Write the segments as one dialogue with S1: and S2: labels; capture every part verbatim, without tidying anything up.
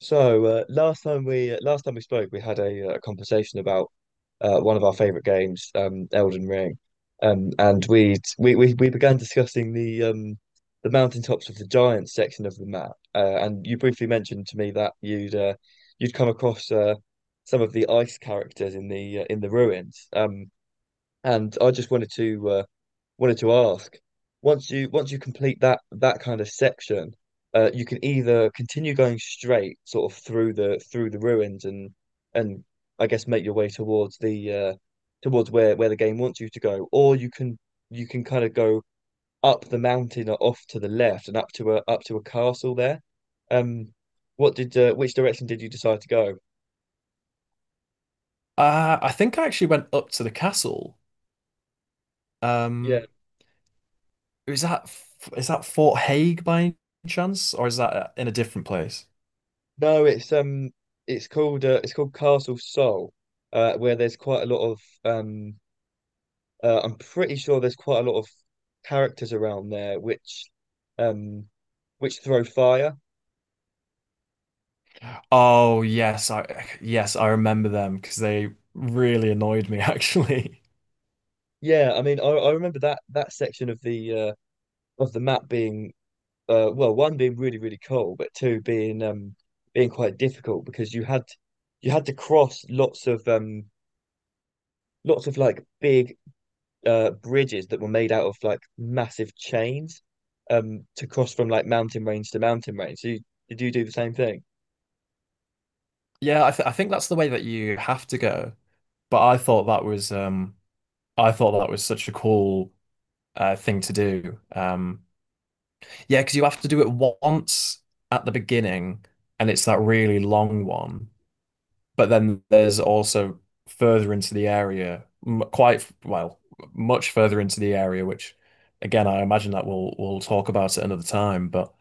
S1: So uh, last time we uh, last time we spoke, we had a, uh, a conversation about uh, one of our favorite games, um, Elden Ring, um, and we we we we began discussing the um, the mountaintops of the giants section of the map, uh, and you briefly mentioned to me that you'd uh, you'd come across uh, some of the ice characters in the uh, in the ruins. Um, and I just wanted to uh, wanted to ask, once you once you complete that that kind of section, uh, you can either continue going straight sort of through the through the ruins and and I guess make your way towards the uh, towards where where the game wants you to go, or you can you can kind of go up the mountain or off to the left and up to a up to a castle there. Um, what did uh, which direction did you decide to go?
S2: Uh, I think I actually went up to the castle. Um, is that F- is that Fort Hague by any chance, or is that uh, in a different place?
S1: No, it's um, it's called uh, it's called Castle Soul, uh, where there's quite a lot of um, uh, I'm pretty sure there's quite a lot of characters around there, which, um, which throw fire.
S2: Oh yes, I yes I remember them because they really annoyed me actually.
S1: Yeah, I mean, I, I remember that that section of the uh of the map being— uh well, one, being really really cool, but two, being um being quite difficult because you had you had to cross lots of um lots of like big uh bridges that were made out of like massive chains um to cross from like mountain range to mountain range. So you, did you do the same thing?
S2: Yeah, I th I think that's the way that you have to go. But I thought that was um I thought that was such a cool uh, thing to do. Um, yeah, because you have to do it once at the beginning, and it's that really long one. But then there's also further into the area, m- quite well, much further into the area, which again, I imagine that we'll we'll talk about at another time. But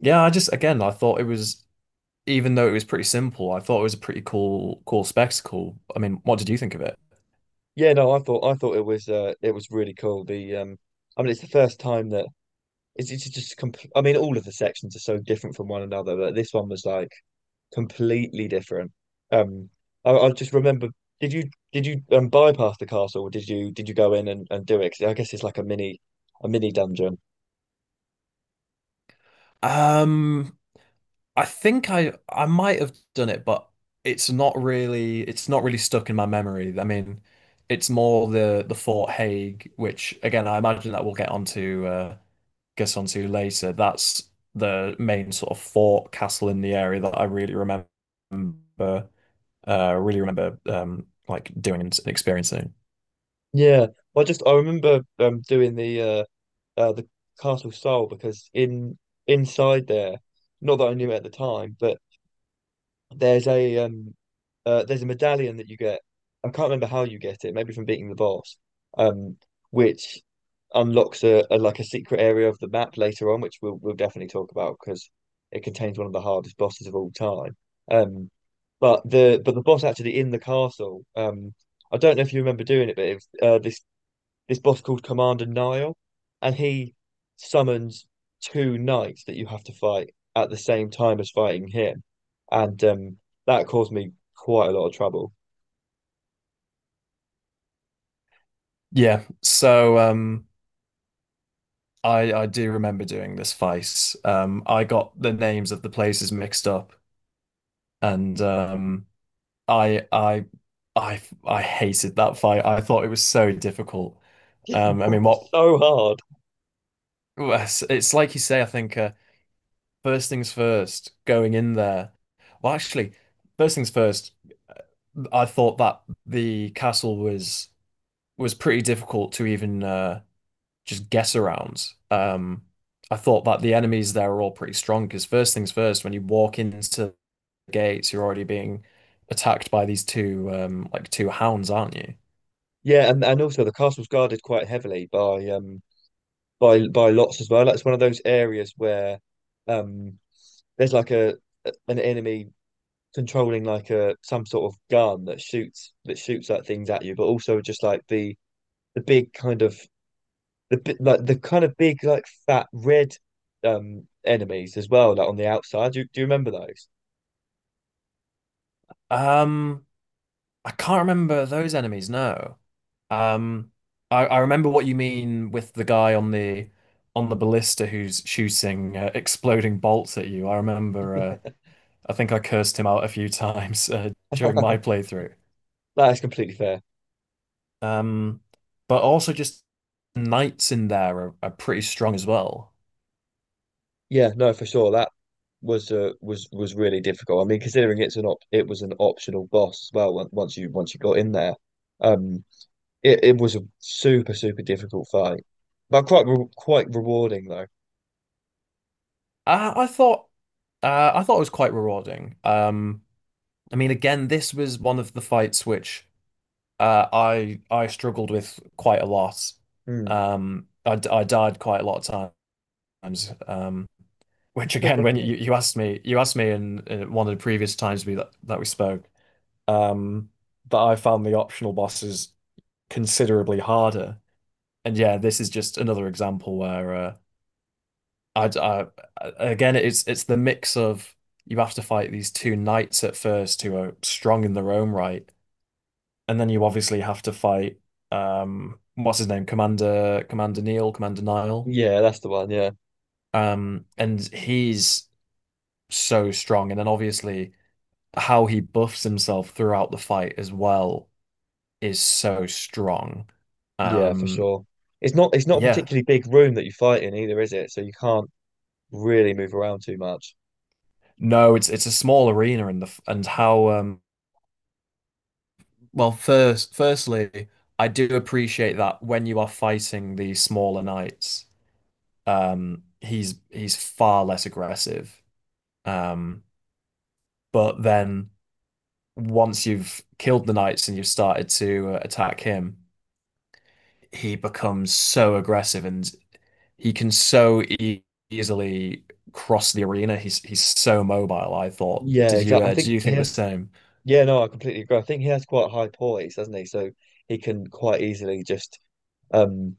S2: yeah, I just again, I thought it was, even though it was pretty simple, I thought it was a pretty cool cool spectacle. I mean, what did you think of it?
S1: Yeah, no, I thought I thought it was uh it was really cool. The um I mean it's the first time that it's, it's just compl- I mean all of the sections are so different from one another, but this one was like completely different. Um I, I just remember, did you did you um bypass the castle or did you did you go in and, and do it? 'Cause I guess it's like a mini a mini dungeon.
S2: Um, I think I I might have done it, but it's not really it's not really stuck in my memory. I mean, it's more the the Fort Hague, which again I imagine that we'll get onto uh get onto later. That's the main sort of fort castle in the area that I really remember uh really remember um like doing and experiencing.
S1: Yeah. Well, I just I remember um doing the uh uh, the Castle Soul, because in inside there, not that I knew it at the time, but there's a um uh, there's a medallion that you get. I can't remember how you get it, maybe from beating the boss, um, which unlocks a, a like a secret area of the map later on, which we'll we'll definitely talk about because it contains one of the hardest bosses of all time. Um, but the but the boss actually in the castle, um, I don't know if you remember doing it, but if uh, this this boss called Commander Nile, and he summons two knights that you have to fight at the same time as fighting him, and um, that caused me quite a lot of trouble.
S2: Yeah. So um I I do remember doing this face. Um I got the names of the places mixed up and um, I I I I hated that fight. I thought it was so difficult.
S1: It
S2: Um, I mean,
S1: was
S2: what
S1: so hard.
S2: well, it's like you say. I think uh, first things first, going in there. Well, actually, first things first. I thought that the castle was was pretty difficult to even uh, just guess around. Um, I thought that the enemies there are all pretty strong because first things first, when you walk into gates, you're already being attacked by these two um like two hounds, aren't you?
S1: Yeah, and, and also the castle's guarded quite heavily by um by by lots as well. Like it's one of those areas where um there's like a an enemy controlling like a some sort of gun that shoots that shoots like things at you, but also just like the the big kind of the bi- like the kind of big like fat red um enemies as well, like on the outside. Do, do you remember those?
S2: Um, I can't remember those enemies, no. Um, I, I remember what you mean with the guy on the on the ballista who's shooting uh, exploding bolts at you. I remember uh, I think I cursed him out a few times uh, during my playthrough.
S1: That is completely fair.
S2: Um, but also just knights in there are, are pretty strong as well.
S1: Yeah, no, for sure, that was uh, was was really difficult. I mean, considering it's an op it was an optional boss as well, on- once you once you got in there, um it, it was a super super difficult fight, but quite re quite rewarding though.
S2: I, I thought uh, I thought it was quite rewarding. Um, I mean, again, this was one of the fights which uh, I I struggled with quite a lot.
S1: Hmm.
S2: Um, I, d- I died quite a lot of times. Um, which again, when you, you asked me, you asked me in, in one of the previous times we that, that we spoke, um, that I found the optional bosses considerably harder. And yeah, this is just another example where uh, I, I again, it's it's the mix of you have to fight these two knights at first who are strong in their own right and then you obviously have to fight um what's his name? Commander Commander Neil, Commander Nile.
S1: Yeah, that's the one. Yeah.
S2: Um and he's so strong. And then obviously how he buffs himself throughout the fight as well is so strong.
S1: Yeah, for
S2: Um
S1: sure. It's not it's not a
S2: yeah.
S1: particularly big room that you fight in either, is it? So you can't really move around too much.
S2: No, it's it's a small arena and the and how um well first firstly I do appreciate that when you are fighting the smaller knights um he's he's far less aggressive. Um But then once you've killed the knights and you've started to uh, attack him, he becomes so aggressive and he can so e easily cross the arena. He's he's so mobile, I thought.
S1: Yeah,
S2: Did you
S1: exactly. I
S2: uh,
S1: think
S2: do you
S1: he
S2: think the
S1: has.
S2: same?
S1: Yeah, no, I completely agree. I think he has quite high poise, doesn't he? So he can quite easily just um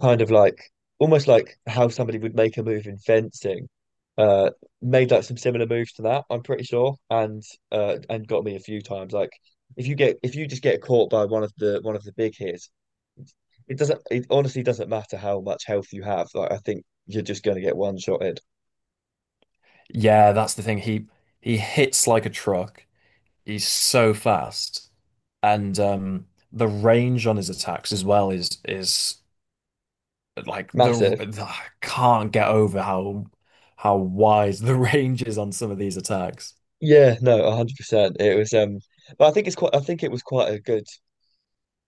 S1: kind of like, almost like how somebody would make a move in fencing. Uh, made like some similar moves to that, I'm pretty sure, and uh and got me a few times. Like if you get if you just get caught by one of the one of the big hits, it doesn't. It honestly doesn't matter how much health you have. Like I think you're just going to get one shotted.
S2: Yeah, that's the thing. He he hits like a truck. He's so fast. And um the range on his attacks as well is is like the,
S1: Massive.
S2: the I can't get over how how wide the range is on some of these attacks.
S1: Yeah, no, a hundred percent. It was um But I think it's quite I think it was quite a good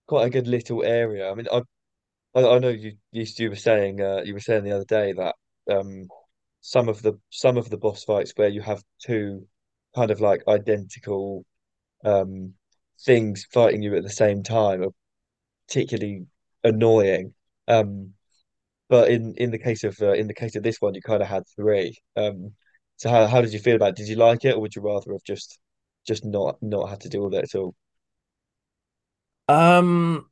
S1: quite a good little area. I mean I I, I know you, you you were saying uh you were saying the other day that um some of the some of the boss fights where you have two kind of like identical um things fighting you at the same time are particularly annoying. Um but in in the case of uh, in the case of this one, you kind of had three. Um, so how how did you feel about it? Did you like it, or would you rather have just just not not had to deal with it at all?
S2: Um,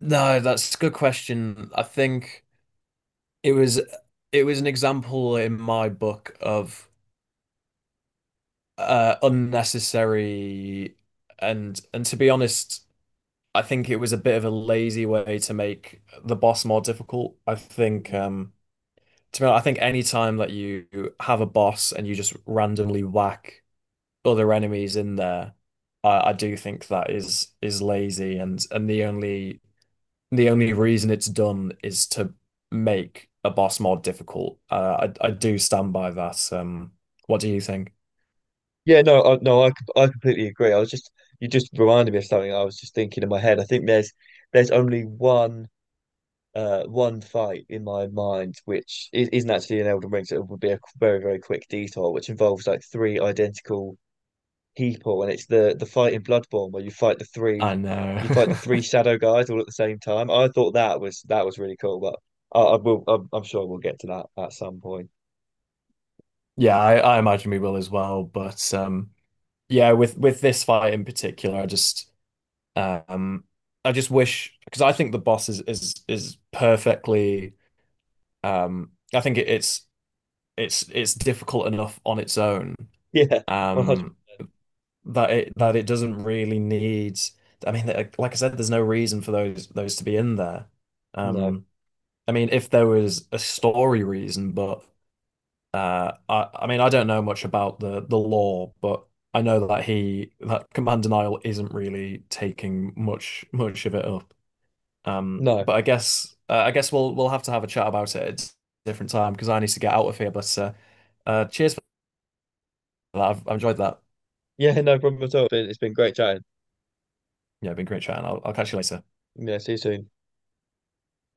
S2: no, that's a good question. I think it was it was an example in my book of uh unnecessary and and to be honest, I think it was a bit of a lazy way to make the boss more difficult. I think
S1: Mhm.
S2: um to be honest, I think any time that you have a boss and you just randomly whack other enemies in there, I, I do think that is is lazy and and the only the only reason it's done is to make a boss more difficult. Uh, I I do stand by that. Um, what do you think?
S1: Yeah, no, I, no, I c- I completely agree. I was just you just reminded me of something I was just thinking in my head. I think there's there's only one uh one fight in my mind which is, isn't actually an Elden Ring, so it would be a very very quick detour, which involves like three identical people, and it's the the fight in Bloodborne where you fight the three,
S2: I know.
S1: you fight the three shadow guys all at the same time. I thought that was that was really cool, but I, I will I'm, I'm sure we'll get to that at some point.
S2: Yeah, I, I imagine we will as well. But um, yeah, with with this fight in particular, I just um, I just wish because I think the boss is is is perfectly. Um, I think it, it's it's it's difficult enough on its own,
S1: Yeah, one hundred.
S2: um that it that it doesn't really need I mean like like I said there's no reason for those those to be in there
S1: No,
S2: um I mean if there was a story reason but uh I I mean I don't know much about the the law but I know that he that command denial isn't really taking much much of it up um
S1: no,
S2: but I guess uh, I guess we'll we'll have to have a chat about it at a different time because I need to get out of here but uh, uh cheers for that I've, I've enjoyed that
S1: yeah, no problem at all. It's been, it's been great chatting.
S2: yeah been great chatting I'll, I'll catch you later.
S1: Yeah, see you soon.